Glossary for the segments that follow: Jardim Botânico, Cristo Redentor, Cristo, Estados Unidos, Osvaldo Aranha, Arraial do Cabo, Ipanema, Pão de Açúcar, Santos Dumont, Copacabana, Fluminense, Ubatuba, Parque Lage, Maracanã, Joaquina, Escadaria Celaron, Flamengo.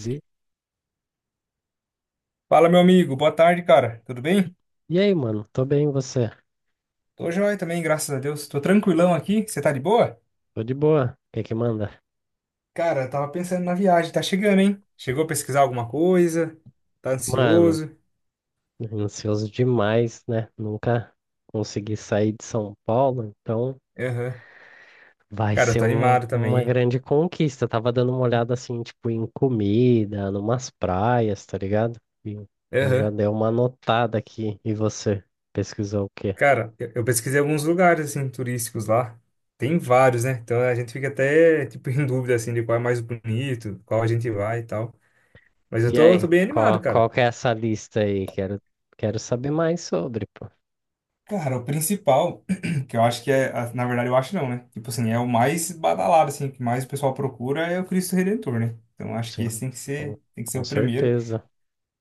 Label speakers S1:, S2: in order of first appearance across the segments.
S1: E
S2: Fala, meu amigo. Boa tarde, cara. Tudo bem?
S1: e aí, mano? Tô bem, e você?
S2: Tô joia também, graças a Deus. Tô tranquilão aqui. Você tá de boa?
S1: Tô de boa. O que que manda?
S2: Cara, eu tava pensando na viagem. Tá chegando, hein? Chegou a pesquisar alguma coisa? Tá
S1: Mano,
S2: ansioso?
S1: ansioso demais, né? Nunca consegui sair de São Paulo, então
S2: Aham.
S1: vai
S2: Cara, eu
S1: ser
S2: tô animado também,
S1: uma
S2: hein?
S1: grande conquista. Tava dando uma olhada assim, tipo, em comida, numas praias, tá ligado? E eu já
S2: Aham.
S1: dei uma anotada aqui. E você? Pesquisou o quê?
S2: Cara, eu pesquisei alguns lugares, assim, turísticos lá. Tem vários, né? Então a gente fica até, tipo, em dúvida, assim, de qual é mais bonito, qual a gente vai e tal. Mas eu
S1: E
S2: tô
S1: aí,
S2: bem animado,
S1: qual
S2: cara.
S1: que é essa lista aí? Quero saber mais sobre, pô.
S2: Cara, o principal, que eu acho que é, na verdade eu acho não, né? Tipo assim, é o mais badalado, assim, o que mais o pessoal procura é o Cristo Redentor, né? Então acho que esse
S1: Sim, com,
S2: tem que ser
S1: com
S2: o primeiro.
S1: certeza.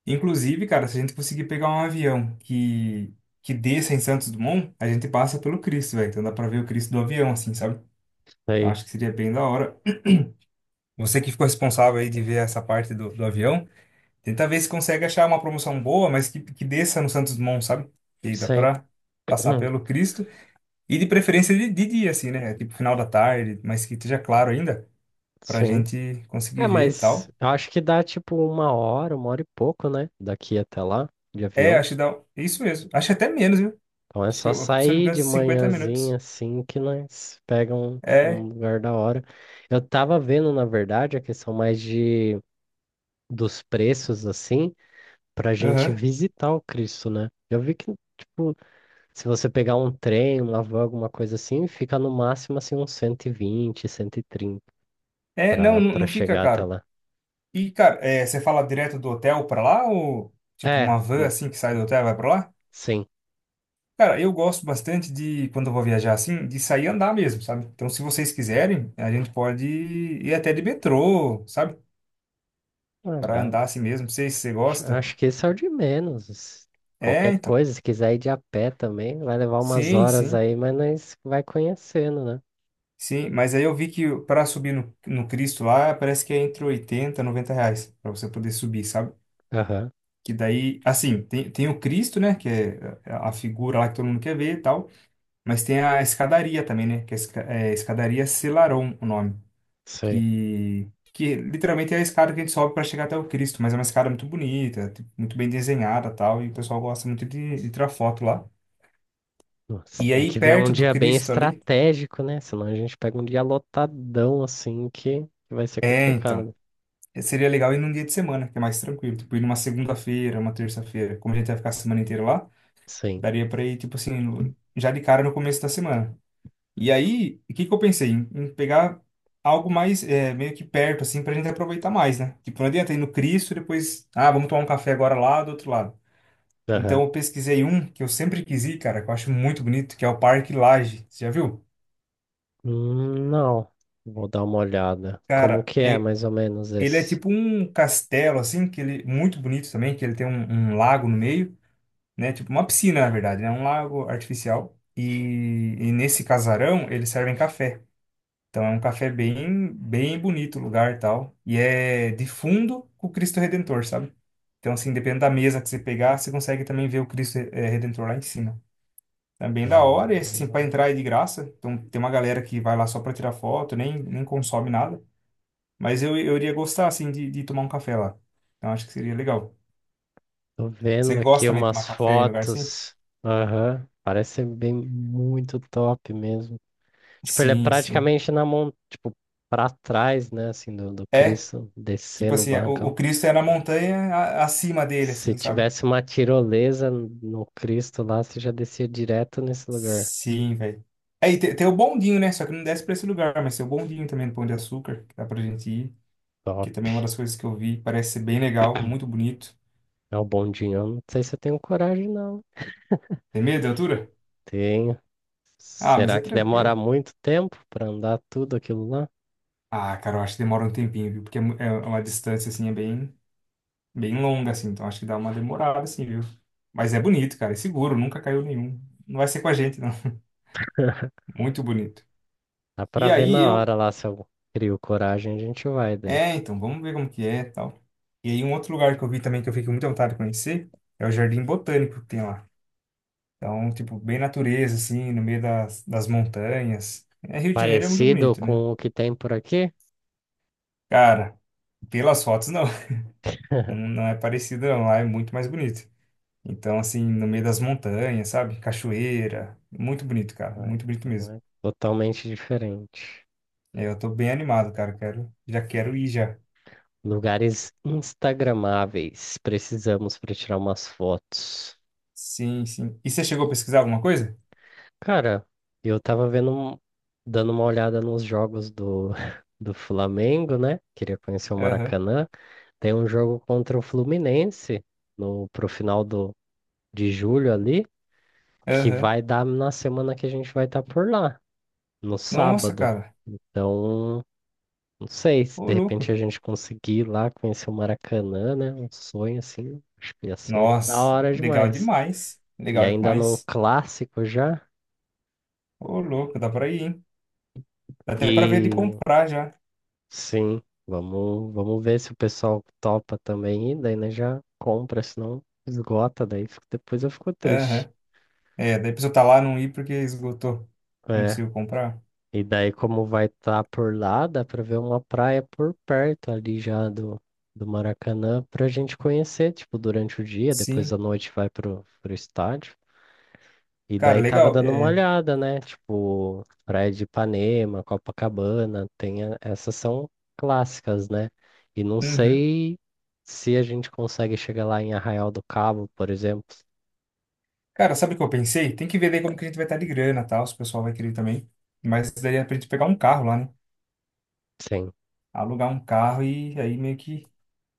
S2: Inclusive, cara, se a gente conseguir pegar um avião que desça em Santos Dumont, a gente passa pelo Cristo, velho. Então dá pra ver o Cristo do avião, assim, sabe? Então
S1: Aí,
S2: acho que seria bem da hora. Você que ficou responsável aí de ver essa parte do avião, tenta ver se consegue achar uma promoção boa, mas que desça no Santos Dumont, sabe? Que dá
S1: sei.
S2: pra passar pelo Cristo. E de preferência de dia, assim, né? Tipo, final da tarde, mas que esteja claro ainda, pra
S1: Sim.
S2: gente conseguir
S1: É,
S2: ver e
S1: mas
S2: tal.
S1: eu acho que dá tipo uma hora e pouco, né? Daqui até lá, de
S2: É,
S1: avião.
S2: acho que dá. Isso mesmo. Acho que até menos, viu?
S1: Então é
S2: Acho que,
S1: só
S2: se eu não me
S1: sair
S2: engano,
S1: de
S2: 50
S1: manhãzinha
S2: minutos.
S1: assim que nós pegamos um
S2: É,
S1: lugar da hora. Eu tava vendo, na verdade, a questão mais de dos preços assim, pra gente
S2: aham.
S1: visitar o Cristo, né? Eu vi que, tipo, se você pegar um trem, uma van, alguma coisa assim, fica no máximo assim uns 120, 130
S2: É,
S1: pra, pra
S2: não fica
S1: chegar até
S2: caro.
S1: lá.
S2: E, cara, é, você fala direto do hotel pra lá ou, tipo,
S1: É,
S2: uma van,
S1: mo-
S2: assim, que sai do hotel e vai pra lá?
S1: sim.
S2: Cara, eu gosto bastante de, quando eu vou viajar assim, de sair e andar mesmo, sabe? Então, se vocês quiserem, a gente pode ir até de metrô, sabe?
S1: Ah,
S2: Pra
S1: dá.
S2: andar assim mesmo. Não sei se você gosta.
S1: Acho que esse é o de menos.
S2: É,
S1: Qualquer
S2: então.
S1: coisa, se quiser ir de a pé também, vai levar umas
S2: Sim,
S1: horas
S2: sim,
S1: aí, mas nós vai conhecendo, né?
S2: sim. Mas aí eu vi que para subir no Cristo lá, parece que é entre 80 e 90 reais para você poder subir, sabe?
S1: Aham,
S2: Que daí, assim, tem o Cristo, né? Que é a figura lá que todo mundo quer ver e tal. Mas tem a escadaria também, né? Que é, é escadaria Celaron, o nome.
S1: sei.
S2: Que literalmente é a escada que a gente sobe para chegar até o Cristo. Mas é uma escada muito bonita, tipo, muito bem desenhada e tal. E o pessoal gosta muito de tirar foto lá.
S1: Nossa,
S2: E
S1: tem
S2: aí,
S1: que ver um
S2: perto do
S1: dia bem
S2: Cristo ali.
S1: estratégico, né? Senão a gente pega um dia lotadão assim que vai ser
S2: É, então.
S1: complicado.
S2: Seria legal ir num dia de semana, que é mais tranquilo. Tipo, ir numa segunda-feira, uma terça-feira. Como a gente vai ficar a semana inteira lá,
S1: Sim.
S2: daria pra ir, tipo assim, já de cara no começo da semana. E aí, o que que eu pensei? Em pegar algo mais, é, meio que perto, assim, pra gente aproveitar mais, né? Tipo, não adianta ir no Cristo e depois, ah, vamos tomar um café agora lá do outro lado. Então,
S1: Aham.
S2: eu pesquisei um que eu sempre quis ir, cara, que eu acho muito bonito, que é o Parque Lage. Você já viu?
S1: Não, vou dar uma olhada. Como
S2: Cara,
S1: que é
S2: é,
S1: mais ou menos
S2: ele é
S1: esse?
S2: tipo um castelo, assim, que ele, muito bonito também, que ele tem um lago no meio. Né? Tipo uma piscina, na verdade, né? Um lago artificial. E nesse casarão eles servem café. Então é um café bem bonito o lugar e tal. E é de fundo com o Cristo Redentor, sabe? Então, assim, dependendo da mesa que você pegar, você consegue também ver o Cristo Redentor lá em cima. Também da
S1: Hum,
S2: hora, e assim, para entrar é de graça. Então, tem uma galera que vai lá só para tirar foto, nem consome nada. Mas eu iria gostar, assim, de tomar um café lá. Então, acho que seria legal.
S1: Tô vendo
S2: Você gosta
S1: aqui
S2: também de
S1: umas
S2: tomar café em lugar assim?
S1: fotos. Aham. Parece bem muito top mesmo. Tipo, ele é
S2: Sim, sim.
S1: praticamente na mão, tipo, pra trás, né, assim, do
S2: É,
S1: Cristo, descer
S2: tipo
S1: no
S2: assim, o
S1: barrancão.
S2: Cristo é na montanha acima dele,
S1: Se
S2: assim, sabe?
S1: tivesse uma tirolesa no Cristo lá, você já descia direto nesse lugar.
S2: Sim, velho. Aí tem o bondinho, né? Só que não desce pra esse lugar, mas tem o bondinho também do Pão de Açúcar, que dá pra gente ir,
S1: Top.
S2: que também é uma das coisas que eu vi, parece ser bem legal, muito bonito.
S1: É o bondinho. Eu não sei se eu tenho coragem, não.
S2: Tem medo da altura?
S1: Tenho.
S2: Ah, mas
S1: Será
S2: é
S1: que demora
S2: tranquilo.
S1: muito tempo pra andar tudo aquilo lá?
S2: Ah, cara, eu acho que demora um tempinho, viu? Porque é, é uma distância, assim, é bem, bem longa, assim, então acho que dá uma demorada, assim, viu? Mas é bonito, cara, é seguro, nunca caiu nenhum. Não vai ser com a gente, não. Muito bonito.
S1: Dá pra
S2: E
S1: ver
S2: aí
S1: na hora
S2: eu
S1: lá se eu crio coragem, a gente vai daí.
S2: É, então, vamos ver como que é e tal. E aí, um outro lugar que eu vi também que eu fiquei com muita vontade de conhecer é o Jardim Botânico que tem lá. Então, tipo, bem natureza, assim, no meio das montanhas. É, Rio de Janeiro é muito
S1: Parecido
S2: bonito, né?
S1: com o que tem por aqui?
S2: Cara, pelas fotos, não. Não é parecido, não. Lá é muito mais bonito. Então, assim, no meio das montanhas, sabe? Cachoeira. Muito bonito, cara.
S1: Ah,
S2: Muito bonito
S1: então
S2: mesmo.
S1: é totalmente diferente.
S2: É, eu tô bem animado, cara. Quero, já quero ir já.
S1: Lugares instagramáveis. Precisamos para tirar umas fotos.
S2: Sim, sim. E você chegou a pesquisar alguma coisa?
S1: Cara, eu tava vendo, dando uma olhada nos jogos do Flamengo, né? Queria conhecer o
S2: Aham,
S1: Maracanã. Tem um jogo contra o Fluminense no, pro final de julho ali, que
S2: aham.
S1: vai dar na semana que a gente vai estar por lá, no
S2: Nossa,
S1: sábado.
S2: cara.
S1: Então, não sei se
S2: Ô,
S1: de repente
S2: louco.
S1: a gente conseguir ir lá conhecer o Maracanã, né? Um sonho assim, acho que ia ser da
S2: Nossa,
S1: hora
S2: legal
S1: demais.
S2: demais.
S1: E
S2: Legal
S1: ainda num
S2: demais.
S1: clássico já.
S2: Ô, louco, dá pra ir, hein? Dá até pra ver de
S1: E
S2: comprar já.
S1: sim, vamos ver se o pessoal topa também. E daí, né, já compra, senão esgota. Daí depois eu fico triste.
S2: Aham. É, daí a pessoa tá lá, não ir porque esgotou. Não
S1: É.
S2: conseguiu comprar.
S1: E daí, como vai estar por lá, dá pra ver uma praia por perto ali já do Maracanã pra gente conhecer, tipo, durante o dia. Depois à
S2: Sim.
S1: noite vai pro estádio. E
S2: Cara,
S1: daí tava
S2: legal.
S1: dando uma
S2: É,
S1: olhada, né? Tipo, Praia de Ipanema, Copacabana, essas são clássicas, né? E não
S2: uhum.
S1: sei se a gente consegue chegar lá em Arraial do Cabo, por exemplo.
S2: Cara, sabe o que eu pensei? Tem que ver daí como que a gente vai estar de grana, tal, se o pessoal vai querer também. Mas daí é pra gente pegar um carro lá, né?
S1: Sim.
S2: Alugar um carro e aí meio que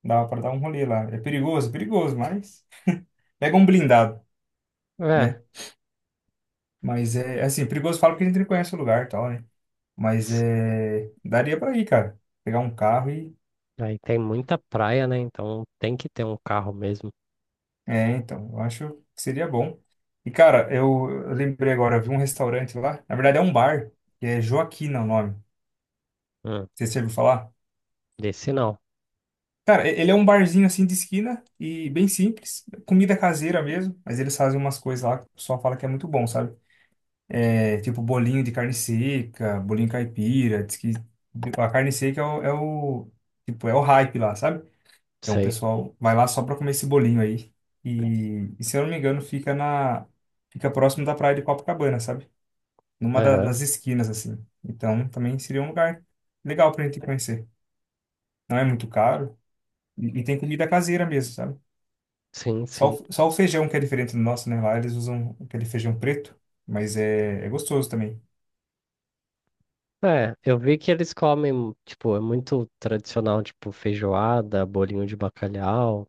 S2: dá pra dar um rolê lá. É perigoso, mas... Pega um blindado,
S1: É.
S2: né? Mas é, assim, perigoso falo porque a gente não conhece o lugar, tal, né? Mas
S1: s-
S2: é, daria para ir, cara. Pegar um carro e.
S1: Aí tem muita praia, né? Então tem que ter um carro mesmo.
S2: É, então, eu acho que seria bom. E, cara, eu lembrei agora, eu vi um restaurante lá. Na verdade, é um bar, que é Joaquina o nome.
S1: Hum,
S2: Você já ouviu falar?
S1: desse não.
S2: Cara, ele é um barzinho assim de esquina e bem simples. Comida caseira mesmo, mas eles fazem umas coisas lá que o pessoal fala que é muito bom, sabe? É, tipo bolinho de carne seca, bolinho caipira. Diz que a carne seca tipo, é o hype lá, sabe? Então o
S1: Sei.
S2: pessoal vai lá só para comer esse bolinho aí. E se eu não me engano, fica próximo da praia de Copacabana, sabe? Numa
S1: Aham.
S2: das esquinas assim. Então também seria um lugar legal pra gente conhecer. Não é muito caro e tem comida caseira mesmo, sabe?
S1: Sim, sim.
S2: Só o feijão que é diferente do nosso, né? Lá eles usam aquele feijão preto, mas é, é gostoso também.
S1: É, eu vi que eles comem, tipo, é muito tradicional, tipo, feijoada, bolinho de bacalhau.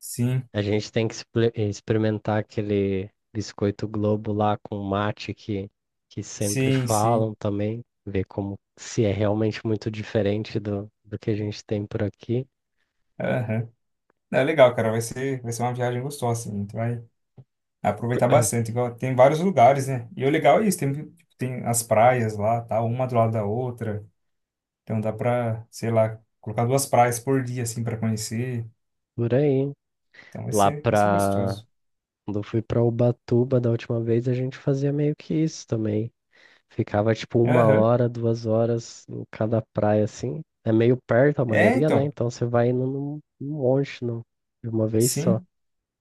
S2: Sim,
S1: A gente tem que experimentar aquele biscoito Globo lá com mate que sempre
S2: sim, sim.
S1: falam também, ver como se é realmente muito diferente do que a gente tem por aqui.
S2: Aham. É legal, cara. Vai ser uma viagem gostosa, assim. A gente vai aproveitar bastante. Igual, tem vários lugares, né? E o legal é isso, tem, tipo, tem as praias lá, tá? Uma do lado da outra. Então dá pra, sei lá, colocar duas praias por dia, assim, pra conhecer.
S1: Por aí,
S2: Então
S1: lá
S2: vai ser
S1: pra.
S2: gostoso.
S1: Quando eu fui pra Ubatuba da última vez, a gente fazia meio que isso também. Ficava tipo uma
S2: Aham.
S1: hora, 2 horas em cada praia, assim. É meio perto a
S2: É,
S1: maioria, né?
S2: então,
S1: Então você vai indo num monte, de uma vez só.
S2: sim.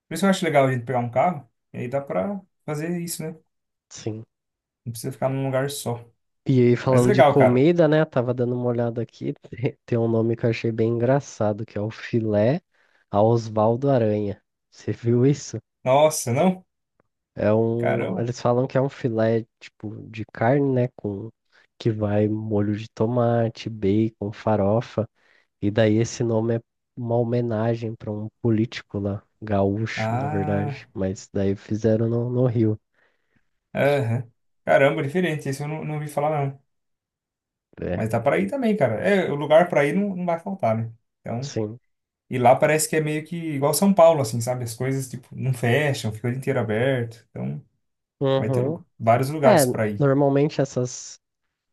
S2: Por isso que eu acho legal a gente pegar um carro, e aí dá pra fazer isso, né?
S1: Sim.
S2: Não precisa ficar num lugar só.
S1: E aí,
S2: Mas
S1: falando de
S2: legal, cara.
S1: comida, né? Tava dando uma olhada aqui. Tem um nome que eu achei bem engraçado, que é o filé a Osvaldo Aranha. Você viu isso?
S2: Nossa, não?
S1: É um.
S2: Caramba.
S1: Eles falam que é um filé, tipo, de carne, né? Com que vai molho de tomate, bacon, farofa. E daí esse nome é uma homenagem para um político lá, gaúcho, na
S2: Ah,
S1: verdade. Mas daí fizeram no Rio.
S2: aham. Caramba, diferente. Esse eu não ouvi falar, não.
S1: É,
S2: Mas dá pra ir também, cara. É, o lugar pra ir não vai faltar, né? Então,
S1: sim.
S2: e lá parece que é meio que igual São Paulo, assim, sabe? As coisas, tipo, não fecham, fica o dia inteiro aberto. Então, vai ter
S1: Uhum.
S2: vários
S1: É,
S2: lugares para ir.
S1: normalmente essas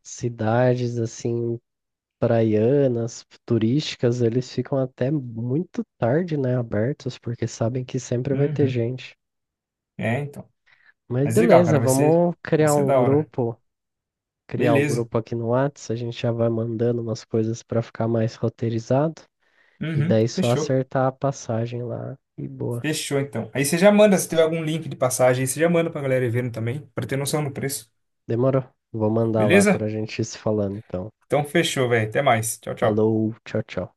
S1: cidades assim praianas, turísticas, eles ficam até muito tarde, né, abertos, porque sabem que sempre vai ter
S2: Uhum.
S1: gente.
S2: É, então.
S1: Mas
S2: Mas legal,
S1: beleza,
S2: cara,
S1: vamos
S2: vai
S1: criar
S2: ser
S1: um
S2: da hora.
S1: grupo, criar o
S2: Beleza.
S1: grupo aqui no Whats, a gente já vai mandando umas coisas para ficar mais roteirizado e
S2: Uhum.
S1: daí só
S2: Fechou.
S1: acertar a passagem lá e boa.
S2: Fechou, então. Aí você já manda, se tiver algum link de passagem, aí você já manda pra galera ir vendo também, pra ter noção do preço.
S1: Demorou. Vou mandar lá
S2: Beleza?
S1: pra gente ir se falando, então.
S2: Então, fechou, velho. Até mais. Tchau, tchau.
S1: Falou, tchau, tchau.